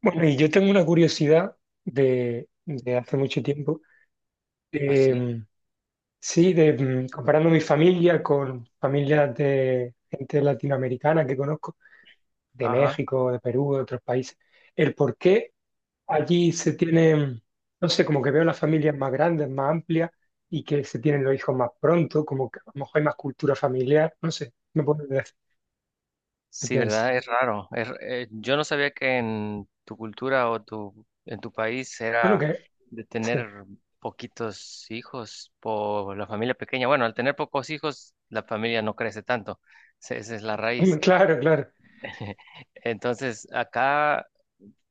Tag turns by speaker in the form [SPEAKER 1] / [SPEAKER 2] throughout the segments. [SPEAKER 1] Bueno, y yo tengo una curiosidad de hace mucho tiempo. de,
[SPEAKER 2] Así.
[SPEAKER 1] mm, sí, comparando mi familia con familias de gente latinoamericana que conozco, de
[SPEAKER 2] Ajá.
[SPEAKER 1] México, de Perú, de otros países, el por qué allí se tienen, no sé, como que veo las familias más grandes, más amplias y que se tienen los hijos más pronto, como que a lo mejor hay más cultura familiar, no sé, no puedo decir qué
[SPEAKER 2] Sí,
[SPEAKER 1] piensas.
[SPEAKER 2] ¿verdad? Es raro. Yo no sabía que en tu cultura o en tu país
[SPEAKER 1] Bueno,
[SPEAKER 2] era
[SPEAKER 1] que,
[SPEAKER 2] de
[SPEAKER 1] sí.
[SPEAKER 2] tener poquitos hijos por la familia pequeña. Bueno, al tener pocos hijos, la familia no crece tanto. Esa es la raíz.
[SPEAKER 1] Claro, claro.
[SPEAKER 2] Entonces, acá,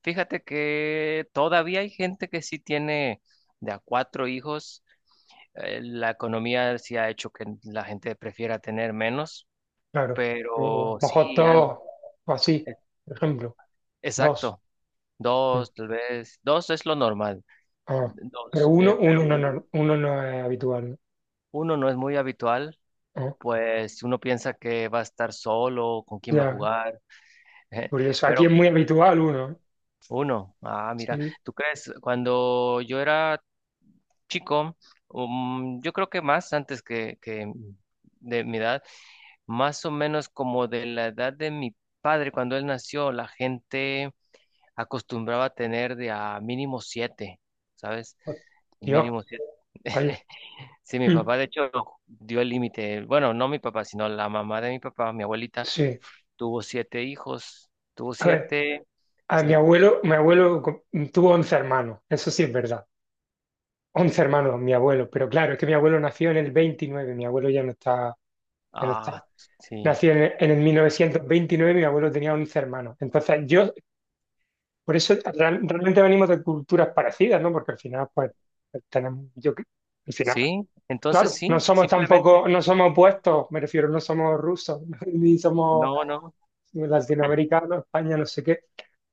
[SPEAKER 2] fíjate que todavía hay gente que sí tiene de a cuatro hijos. La economía sí ha hecho que la gente prefiera tener menos,
[SPEAKER 1] Claro. Yo
[SPEAKER 2] pero
[SPEAKER 1] mojo
[SPEAKER 2] sí,
[SPEAKER 1] dos o así, por ejemplo, dos.
[SPEAKER 2] exacto,
[SPEAKER 1] Mm.
[SPEAKER 2] dos, tal vez, dos es lo normal,
[SPEAKER 1] Ah, pero
[SPEAKER 2] dos, pero
[SPEAKER 1] uno no es habitual, ¿no?
[SPEAKER 2] uno no es muy habitual,
[SPEAKER 1] Ah,
[SPEAKER 2] pues uno piensa que va a estar solo, con quién va a
[SPEAKER 1] ya,
[SPEAKER 2] jugar.
[SPEAKER 1] curioso. Aquí es
[SPEAKER 2] Pero
[SPEAKER 1] muy habitual uno, ¿eh?
[SPEAKER 2] uno, ah, mira,
[SPEAKER 1] Sí.
[SPEAKER 2] ¿tú crees? Cuando yo era chico, yo creo que más antes que de mi edad, más o menos como de la edad de mi padre, cuando él nació, la gente acostumbraba a tener de a mínimo siete, ¿sabes?
[SPEAKER 1] Oh, Dios,
[SPEAKER 2] Mínimo siete.
[SPEAKER 1] vaya.
[SPEAKER 2] Sí, mi
[SPEAKER 1] Mm.
[SPEAKER 2] papá de hecho dio el límite. Bueno, no mi papá, sino la mamá de mi papá, mi abuelita,
[SPEAKER 1] Sí.
[SPEAKER 2] tuvo siete hijos. Tuvo
[SPEAKER 1] A ver,
[SPEAKER 2] siete.
[SPEAKER 1] a mi
[SPEAKER 2] Sí.
[SPEAKER 1] abuelo, tuvo 11 hermanos, eso sí es verdad. 11 hermanos, mi abuelo, pero claro, es que mi abuelo nació en el 29. Mi abuelo ya no está, ya no
[SPEAKER 2] Ah,
[SPEAKER 1] está.
[SPEAKER 2] sí.
[SPEAKER 1] Nació en el 1929. Mi abuelo tenía 11 hermanos. Entonces, yo por eso realmente venimos de culturas parecidas, ¿no? Porque al final, pues, tenemos, yo, que- al final,
[SPEAKER 2] Sí, entonces
[SPEAKER 1] claro,
[SPEAKER 2] sí,
[SPEAKER 1] no somos
[SPEAKER 2] simplemente.
[SPEAKER 1] tampoco, no somos opuestos, me refiero, no somos rusos, ni somos
[SPEAKER 2] No, no,
[SPEAKER 1] latinoamericano, España, no sé qué.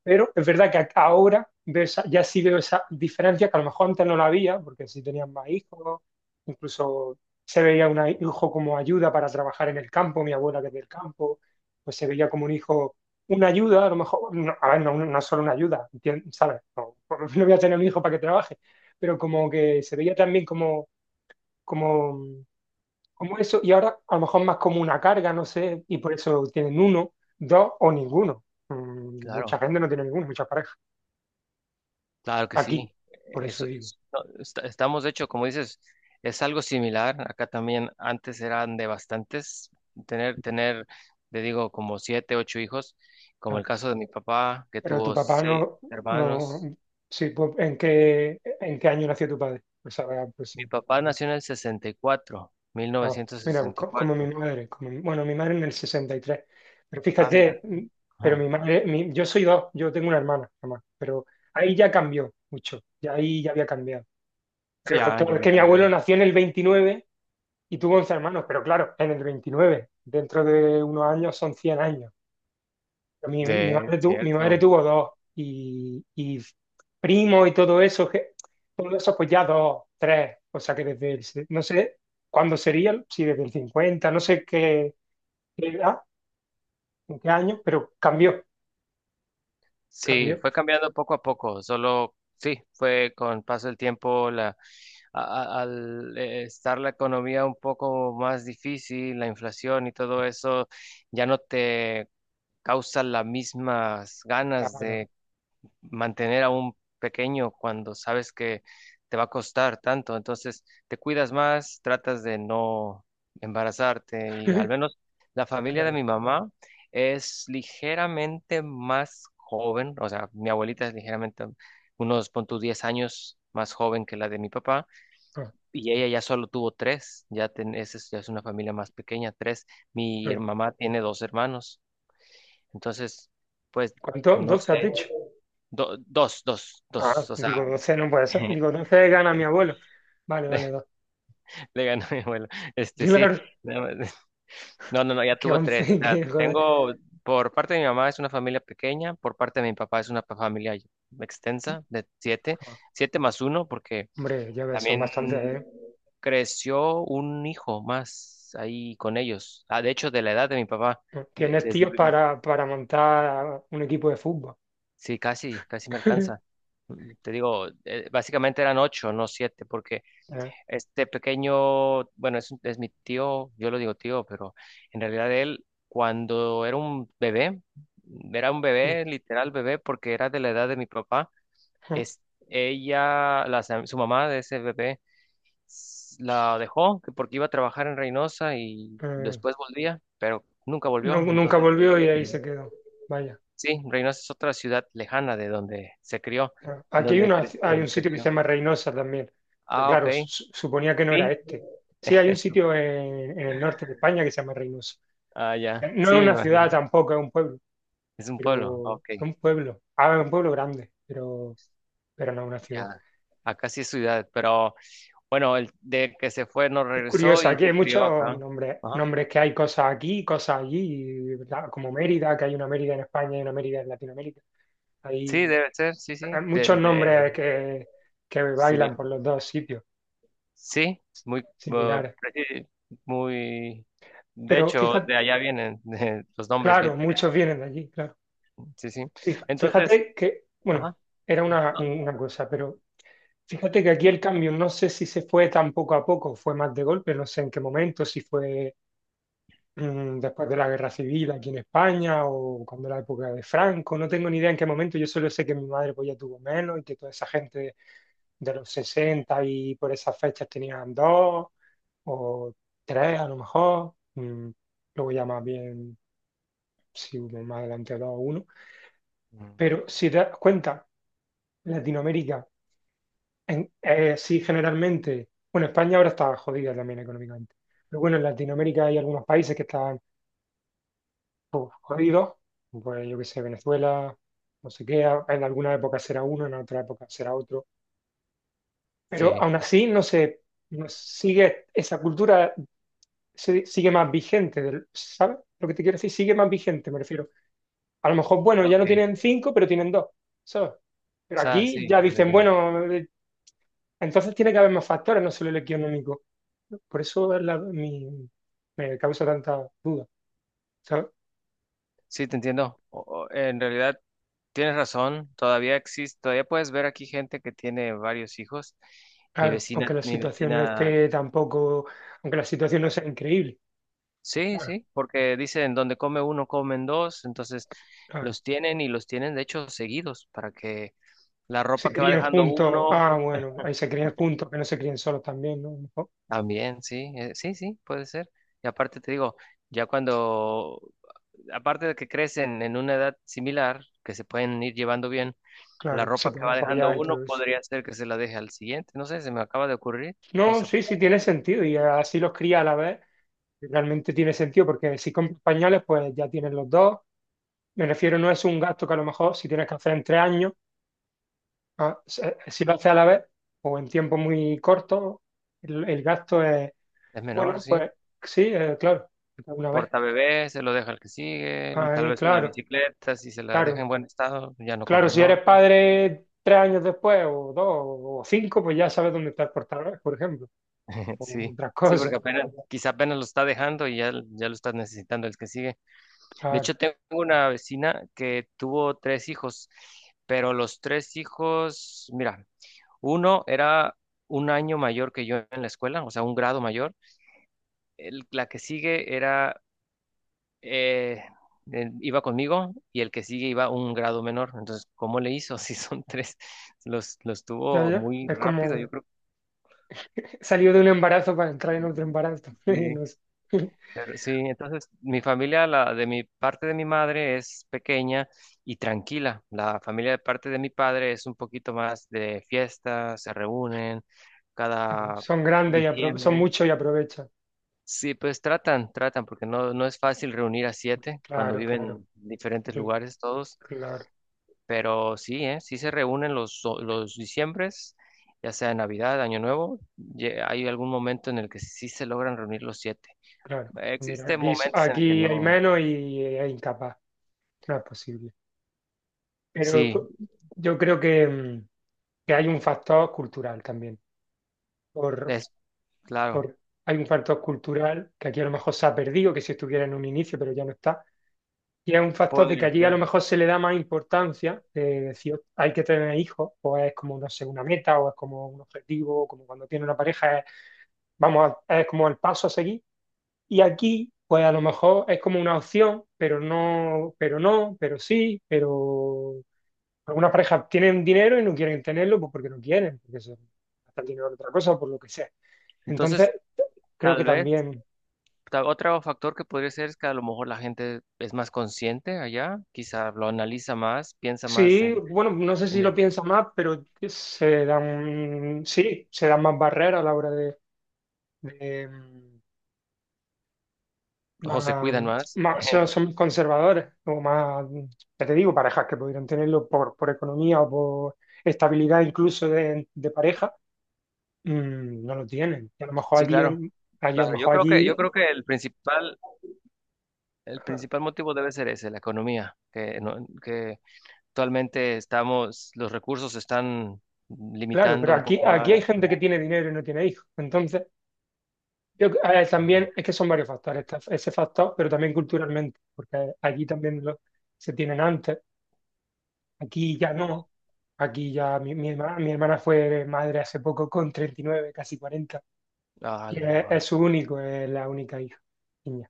[SPEAKER 1] Pero es verdad que ahora veo ya sí veo esa diferencia que a lo mejor antes no la había, porque sí tenían más hijos, incluso se veía un hijo como ayuda para trabajar en el campo, mi abuela que es del campo, pues se veía como un hijo, una ayuda, a lo mejor, no, a ver, no, no solo una ayuda, ¿sabes? No, no voy a tener un hijo para que trabaje, pero como que se veía también como como eso, y ahora a lo mejor más como una carga, no sé, y por eso tienen uno, dos o ninguno. Mm. Mucha
[SPEAKER 2] claro.
[SPEAKER 1] gente no tiene ninguno, muchas parejas.
[SPEAKER 2] Claro que
[SPEAKER 1] Aquí,
[SPEAKER 2] sí.
[SPEAKER 1] por eso
[SPEAKER 2] Eso
[SPEAKER 1] digo.
[SPEAKER 2] es- no, estamos, de hecho, como dices, es algo similar. Acá también antes eran de bastantes, tener, tener, te digo, como siete, ocho hijos, como el
[SPEAKER 1] Claro.
[SPEAKER 2] caso de mi papá, que
[SPEAKER 1] Pero tu
[SPEAKER 2] tuvo
[SPEAKER 1] papá
[SPEAKER 2] seis
[SPEAKER 1] no, no,
[SPEAKER 2] hermanos.
[SPEAKER 1] sí, pues, ¿en qué año nació tu padre? Pues, a ver, pues,
[SPEAKER 2] Mi
[SPEAKER 1] sí.
[SPEAKER 2] papá nació en el 64,
[SPEAKER 1] Ah, mira, pues, como mi
[SPEAKER 2] 1964.
[SPEAKER 1] madre, como, bueno, mi madre en el 63. Pero
[SPEAKER 2] Ah, mira.
[SPEAKER 1] fíjate, pero
[SPEAKER 2] Ajá.
[SPEAKER 1] yo soy dos, yo tengo una hermana, nomás, pero ahí ya cambió mucho, ya ahí ya había cambiado.
[SPEAKER 2] Sí,
[SPEAKER 1] Pero pues,
[SPEAKER 2] ya, ya
[SPEAKER 1] claro, es
[SPEAKER 2] había
[SPEAKER 1] que mi abuelo
[SPEAKER 2] cambiado.
[SPEAKER 1] nació en el 29 y tuvo 11 hermanos, pero claro, en el 29 dentro de unos años son 100 años. Pero
[SPEAKER 2] De
[SPEAKER 1] mi madre
[SPEAKER 2] cierto.
[SPEAKER 1] tuvo dos y primo y todo eso, que, todo eso pues ya dos, tres, o sea que no sé cuándo sería, si desde el 50 no sé qué, qué edad, en qué año, pero cambió,
[SPEAKER 2] Sí,
[SPEAKER 1] cambió.
[SPEAKER 2] fue cambiando poco a poco, solo sí, fue con paso del tiempo al estar la economía un poco más difícil, la inflación y todo eso, ya no te causa las mismas ganas
[SPEAKER 1] Claro,
[SPEAKER 2] de mantener a un pequeño cuando sabes que te va a costar tanto. Entonces, te cuidas más, tratas de no embarazarte y al menos la familia de
[SPEAKER 1] claro.
[SPEAKER 2] mi mamá es ligeramente más joven, o sea, mi abuelita es ligeramente unos, pon tú, 10 años más joven que la de mi papá
[SPEAKER 1] Ah,
[SPEAKER 2] y ella ya solo tuvo tres, ya, es una familia más pequeña, tres. Mi her-
[SPEAKER 1] claro.
[SPEAKER 2] mamá tiene dos hermanos, entonces, pues,
[SPEAKER 1] ¿Cuánto?
[SPEAKER 2] no
[SPEAKER 1] ¿12 has
[SPEAKER 2] sé.
[SPEAKER 1] dicho?
[SPEAKER 2] Dos, dos, dos,
[SPEAKER 1] Ah,
[SPEAKER 2] o sea,
[SPEAKER 1] digo 12 no puede ser, digo 12 gana mi abuelo. Vale, vale, dos.
[SPEAKER 2] le ganó mi abuelo. Este, sí,
[SPEAKER 1] Claro.
[SPEAKER 2] no, no, no, no, ya
[SPEAKER 1] Que
[SPEAKER 2] tuvo
[SPEAKER 1] once,
[SPEAKER 2] tres. O sea,
[SPEAKER 1] que joder.
[SPEAKER 2] tengo, por parte de mi mamá es una familia pequeña, por parte de mi papá es una familia extensa de siete, siete más uno, porque
[SPEAKER 1] Hombre, ya ves, son
[SPEAKER 2] también
[SPEAKER 1] bastantes,
[SPEAKER 2] creció un hijo más ahí con ellos. Ah, de hecho, de la edad de mi papá,
[SPEAKER 1] ¿eh?
[SPEAKER 2] de-
[SPEAKER 1] Tienes
[SPEAKER 2] desde,
[SPEAKER 1] tíos para montar un equipo de fútbol.
[SPEAKER 2] sí, casi, casi me alcanza. Mm, te digo, básicamente eran ocho, no siete, porque
[SPEAKER 1] Eh,
[SPEAKER 2] este pequeño, bueno, es mi tío, yo lo digo tío, pero en realidad él, cuando era un
[SPEAKER 1] Sí.
[SPEAKER 2] bebé, literal bebé, porque era de la edad de mi papá, es, ella, la, su mamá de ese bebé, la dejó que porque iba a trabajar en Reynosa y
[SPEAKER 1] Eh,
[SPEAKER 2] después volvía, pero nunca volvió.
[SPEAKER 1] Nunca
[SPEAKER 2] Entonces,
[SPEAKER 1] volvió y ahí se quedó. Vaya.
[SPEAKER 2] sí, Reynosa es otra ciudad lejana de donde se crió, en
[SPEAKER 1] Aquí
[SPEAKER 2] donde,
[SPEAKER 1] hay un
[SPEAKER 2] donde
[SPEAKER 1] sitio que se
[SPEAKER 2] creció.
[SPEAKER 1] llama Reynosa también. Pero
[SPEAKER 2] Ah, ok,
[SPEAKER 1] claro, suponía que no era
[SPEAKER 2] sí.
[SPEAKER 1] este. Sí, hay un
[SPEAKER 2] Eso.
[SPEAKER 1] sitio en el norte de España que se llama Reynosa.
[SPEAKER 2] Ah, ya,
[SPEAKER 1] No
[SPEAKER 2] sí,
[SPEAKER 1] es
[SPEAKER 2] me
[SPEAKER 1] una
[SPEAKER 2] imagino.
[SPEAKER 1] ciudad tampoco, es un pueblo,
[SPEAKER 2] Es un pueblo,
[SPEAKER 1] pero
[SPEAKER 2] ok,
[SPEAKER 1] es un pueblo. Ah, es un pueblo grande, pero no es una ciudad.
[SPEAKER 2] ya. Acá sí es ciudad, pero bueno, el de que se fue no
[SPEAKER 1] Es
[SPEAKER 2] regresó
[SPEAKER 1] curioso,
[SPEAKER 2] y
[SPEAKER 1] aquí hay
[SPEAKER 2] se
[SPEAKER 1] muchos
[SPEAKER 2] crió acá.
[SPEAKER 1] nombres,
[SPEAKER 2] Ajá.
[SPEAKER 1] nombres que hay cosas aquí, cosas allí, como Mérida, que hay una Mérida en España y una Mérida en Latinoamérica.
[SPEAKER 2] Sí,
[SPEAKER 1] Hay,
[SPEAKER 2] debe ser, sí, sí.
[SPEAKER 1] hay
[SPEAKER 2] De,
[SPEAKER 1] muchos
[SPEAKER 2] de,
[SPEAKER 1] nombres que
[SPEAKER 2] sí,
[SPEAKER 1] bailan
[SPEAKER 2] mira,
[SPEAKER 1] por los dos sitios
[SPEAKER 2] sí,
[SPEAKER 1] similares.
[SPEAKER 2] muy. De
[SPEAKER 1] Pero
[SPEAKER 2] hecho, de
[SPEAKER 1] fíjate,
[SPEAKER 2] allá vienen. Los nombres,
[SPEAKER 1] claro,
[SPEAKER 2] vienen.
[SPEAKER 1] muchos vienen de allí, claro.
[SPEAKER 2] Sí, sí. Entonces,
[SPEAKER 1] Fíjate que, bueno,
[SPEAKER 2] ajá.
[SPEAKER 1] era una,
[SPEAKER 2] No,
[SPEAKER 1] una cosa, pero fíjate que aquí el cambio, no sé si se fue tan poco a poco, fue más de golpe, no sé en qué momento, si fue después de la guerra civil aquí en España o cuando la época de Franco, no tengo ni idea en qué momento, yo solo sé que mi madre pues ya tuvo menos y que toda esa gente de los 60 y por esas fechas tenían dos o tres a lo mejor, luego ya más bien si hubo más adelante dos o uno,
[SPEAKER 2] mm,
[SPEAKER 1] pero si te das cuenta, Latinoamérica sí generalmente, bueno, España ahora está jodida también económicamente. Pero bueno, en Latinoamérica hay algunos países que están uf, jodido, pues yo qué sé, Venezuela, no sé qué, en alguna época será uno, en otra época será otro, pero
[SPEAKER 2] sí,
[SPEAKER 1] aún así no sigue, esa cultura sigue más vigente, ¿sabes? Lo que te quiero decir, sigue más vigente, me refiero. A lo mejor, bueno,
[SPEAKER 2] ah,
[SPEAKER 1] ya
[SPEAKER 2] ok.
[SPEAKER 1] no tienen
[SPEAKER 2] O
[SPEAKER 1] cinco, pero tienen dos, ¿sabes? Pero
[SPEAKER 2] sea,
[SPEAKER 1] aquí
[SPEAKER 2] sí.
[SPEAKER 1] ya dicen, bueno, entonces tiene que haber más factores, no solo el económico. Por eso me causa tanta duda, ¿sabes?
[SPEAKER 2] Sí, te entiendo. En realidad tienes razón, todavía existe, todavía puedes ver aquí gente que tiene varios hijos. Mi
[SPEAKER 1] Claro,
[SPEAKER 2] vecina,
[SPEAKER 1] aunque la
[SPEAKER 2] mi
[SPEAKER 1] situación no
[SPEAKER 2] vecina,
[SPEAKER 1] esté tampoco, aunque la situación no sea increíble.
[SPEAKER 2] sí,
[SPEAKER 1] Claro,
[SPEAKER 2] sí, porque dicen donde come uno comen dos, entonces
[SPEAKER 1] claro.
[SPEAKER 2] los tienen y los tienen de hecho seguidos para que la
[SPEAKER 1] Se
[SPEAKER 2] ropa que va
[SPEAKER 1] crían
[SPEAKER 2] dejando
[SPEAKER 1] juntos.
[SPEAKER 2] uno
[SPEAKER 1] Ah, bueno, ahí se crían juntos, que no se críen solos también, ¿no? A lo mejor.
[SPEAKER 2] también, sí, sí, sí, puede ser. Y aparte te digo, ya cuando aparte de que crecen en una edad similar, que se pueden ir llevando bien, la
[SPEAKER 1] Claro, se
[SPEAKER 2] ropa que
[SPEAKER 1] pueden
[SPEAKER 2] va dejando
[SPEAKER 1] apoyar y
[SPEAKER 2] uno
[SPEAKER 1] todo eso.
[SPEAKER 2] podría ser que se la deje al siguiente. No sé, se me acaba de ocurrir. No
[SPEAKER 1] No,
[SPEAKER 2] sé,
[SPEAKER 1] sí, sí, tiene sentido. Y así los cría a la vez. Realmente tiene sentido, porque si compras pañales, pues ya tienen los dos. Me refiero, no es un gasto que a lo mejor si tienes que hacer en 3 años, ah, si lo haces a la vez o en tiempo muy corto, el gasto es,
[SPEAKER 2] es menor,
[SPEAKER 1] bueno,
[SPEAKER 2] sí.
[SPEAKER 1] pues sí, claro, una vez.
[SPEAKER 2] Portabebé se lo deja al que sigue. Tal
[SPEAKER 1] Ay,
[SPEAKER 2] vez una
[SPEAKER 1] claro,
[SPEAKER 2] bicicleta, si se la deja
[SPEAKER 1] claro.
[SPEAKER 2] en buen estado, ya no
[SPEAKER 1] Claro, si
[SPEAKER 2] compran
[SPEAKER 1] eres
[SPEAKER 2] otra.
[SPEAKER 1] padre 3 años después, o dos, o cinco, pues ya sabes dónde está el portador, por ejemplo, o
[SPEAKER 2] Sí,
[SPEAKER 1] otras
[SPEAKER 2] sí,
[SPEAKER 1] cosas.
[SPEAKER 2] porque apenas, quizá apenas lo está dejando y ya, ya lo está necesitando el que sigue. De
[SPEAKER 1] Claro,
[SPEAKER 2] hecho, tengo una vecina que tuvo tres hijos, pero los tres hijos, mira, uno era un año mayor que yo en la escuela, o sea, un grado mayor. La que sigue era, eh, iba conmigo y el que sigue iba un grado menor. Entonces, ¿cómo le hizo? Si son tres, los
[SPEAKER 1] ya,
[SPEAKER 2] tuvo
[SPEAKER 1] ya.
[SPEAKER 2] muy
[SPEAKER 1] Es
[SPEAKER 2] rápido,
[SPEAKER 1] como
[SPEAKER 2] yo creo que
[SPEAKER 1] salir de un embarazo para entrar en otro embarazo. Y
[SPEAKER 2] sí.
[SPEAKER 1] no sé.
[SPEAKER 2] Pero sí, entonces mi familia, la de mi parte de mi madre es pequeña y tranquila. La familia de parte de mi padre es un poquito más de fiestas, se reúnen cada
[SPEAKER 1] Son grandes y son
[SPEAKER 2] diciembre.
[SPEAKER 1] muchos y aprovechan.
[SPEAKER 2] Sí, pues tratan, tratan, porque no, no es fácil reunir a siete cuando
[SPEAKER 1] Claro,
[SPEAKER 2] viven
[SPEAKER 1] claro,
[SPEAKER 2] en diferentes
[SPEAKER 1] cl-
[SPEAKER 2] lugares todos,
[SPEAKER 1] claro,
[SPEAKER 2] pero sí, ¿eh? Sí se reúnen los, los diciembres, ya sea Navidad, Año Nuevo, hay algún momento en el que sí se logran reunir los siete.
[SPEAKER 1] claro. Mira,
[SPEAKER 2] Existen
[SPEAKER 1] aquí,
[SPEAKER 2] momentos en el que
[SPEAKER 1] aquí hay
[SPEAKER 2] no,
[SPEAKER 1] menos y es incapaz, no es posible. Pero
[SPEAKER 2] sí,
[SPEAKER 1] yo creo que hay un factor cultural también.
[SPEAKER 2] es claro,
[SPEAKER 1] por- Hay un factor cultural que aquí a lo mejor se ha perdido, que si estuviera en un inicio, pero ya no está. Y es un factor de que
[SPEAKER 2] podría
[SPEAKER 1] allí a lo
[SPEAKER 2] ser.
[SPEAKER 1] mejor se le da más importancia, de decir, hay que tener hijos, o es como, no sé, una meta, o es como un objetivo, o como cuando tiene una pareja, es, vamos, es como el paso a seguir. Y aquí, pues a lo mejor es como una opción, pero no, pero no, pero sí, pero algunas parejas tienen dinero y no quieren tenerlo, pues porque no quieren, porque se gastan el dinero en otra cosa, por lo que sea. Entonces,
[SPEAKER 2] Entonces,
[SPEAKER 1] creo
[SPEAKER 2] tal
[SPEAKER 1] que
[SPEAKER 2] vez,
[SPEAKER 1] también
[SPEAKER 2] otro factor que podría ser es que a lo mejor la gente es más consciente allá, quizá lo analiza más, piensa más
[SPEAKER 1] sí, bueno, no sé si
[SPEAKER 2] en
[SPEAKER 1] lo
[SPEAKER 2] el,
[SPEAKER 1] piensa más, pero se dan, sí, se dan más barreras a la hora de, de, mm,
[SPEAKER 2] o se
[SPEAKER 1] más-
[SPEAKER 2] cuidan más.
[SPEAKER 1] son conservadores, o más, ya te digo, parejas que pudieran tenerlo por economía o por estabilidad incluso de pareja, no lo tienen. Y a lo mejor
[SPEAKER 2] Sí,
[SPEAKER 1] allí,
[SPEAKER 2] claro.
[SPEAKER 1] a lo
[SPEAKER 2] Claro,
[SPEAKER 1] mejor
[SPEAKER 2] yo
[SPEAKER 1] allí,
[SPEAKER 2] creo que el principal motivo debe ser ese, la economía, que, no- que actualmente estamos, los recursos se están
[SPEAKER 1] claro, pero
[SPEAKER 2] limitando un
[SPEAKER 1] aquí,
[SPEAKER 2] poco
[SPEAKER 1] aquí hay
[SPEAKER 2] más.
[SPEAKER 1] gente que tiene dinero y no tiene hijos, yo, a también es que son varios factores, está ese factor, pero también culturalmente, porque allí también se tienen antes, aquí ya no, aquí ya mi hermana fue madre hace poco con 39, casi 40,
[SPEAKER 2] Ah,
[SPEAKER 1] y es,
[SPEAKER 2] wow.
[SPEAKER 1] es la única hija, niña,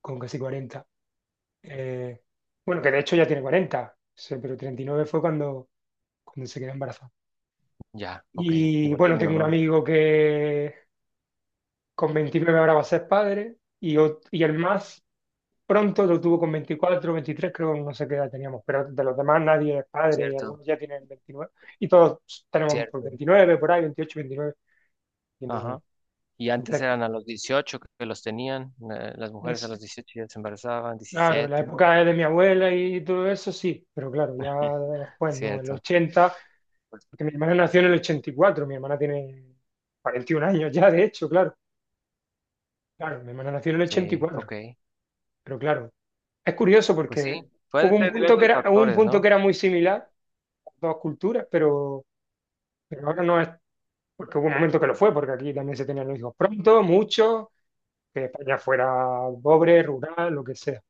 [SPEAKER 1] con casi 40. Eh, bueno, que de hecho ya tiene 40, sí, pero 39 fue cuando se quedó embarazada.
[SPEAKER 2] Ya, ok.
[SPEAKER 1] Y
[SPEAKER 2] Igual que
[SPEAKER 1] bueno,
[SPEAKER 2] mi
[SPEAKER 1] tengo un
[SPEAKER 2] mamá.
[SPEAKER 1] amigo que con 29 ahora va a ser padre, y el más pronto lo tuvo con 24, 23 creo, no sé qué edad teníamos, pero de los demás nadie es padre,
[SPEAKER 2] Cierto,
[SPEAKER 1] algunos ya tienen 29 y todos tenemos por
[SPEAKER 2] cierto.
[SPEAKER 1] 29 por ahí, 28, 29 y
[SPEAKER 2] Ajá.
[SPEAKER 1] no,
[SPEAKER 2] Y antes
[SPEAKER 1] entonces,
[SPEAKER 2] eran a los 18 que los tenían, las mujeres a
[SPEAKER 1] es,
[SPEAKER 2] los 18 ya se embarazaban,
[SPEAKER 1] claro, la
[SPEAKER 2] 17, no sé.
[SPEAKER 1] época de mi abuela y todo eso, sí, pero claro, ya después, ¿no? El
[SPEAKER 2] Cierto.
[SPEAKER 1] 80,
[SPEAKER 2] Pues,
[SPEAKER 1] porque mi hermana nació en el 84. Mi hermana tiene 41 años ya, de hecho, claro, claro, mi hermana nació en el ochenta y
[SPEAKER 2] sí,
[SPEAKER 1] cuatro,
[SPEAKER 2] ok.
[SPEAKER 1] pero claro, es curioso
[SPEAKER 2] Pues sí,
[SPEAKER 1] porque
[SPEAKER 2] pueden
[SPEAKER 1] hubo un
[SPEAKER 2] ser
[SPEAKER 1] punto que
[SPEAKER 2] diversos
[SPEAKER 1] era, hubo un
[SPEAKER 2] factores,
[SPEAKER 1] punto que
[SPEAKER 2] ¿no?
[SPEAKER 1] era muy similar, dos culturas, pero, ahora no es, porque hubo un momento que lo fue, porque aquí también se tenían los hijos pronto, muchos, que España fuera pobre, rural, lo que sea.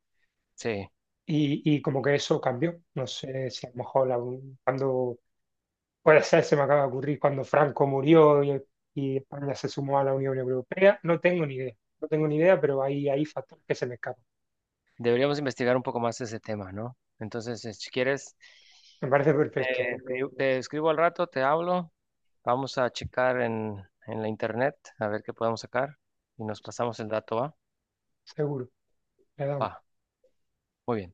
[SPEAKER 2] Sí.
[SPEAKER 1] Y como que eso cambió. No sé si a lo mejor cuando, puede ser, se me acaba de ocurrir, cuando Franco murió y España se sumó a la Unión Europea, no tengo ni idea, no tengo ni idea, pero hay factores que se me escapan.
[SPEAKER 2] Deberíamos investigar un poco más ese tema, ¿no? Entonces, si quieres,
[SPEAKER 1] Me parece
[SPEAKER 2] te,
[SPEAKER 1] perfecto,
[SPEAKER 2] te escribo al rato, te hablo, vamos a checar en la internet a ver qué podemos sacar y nos pasamos el dato, ¿va?
[SPEAKER 1] seguro. Le damos.
[SPEAKER 2] Va, muy bien.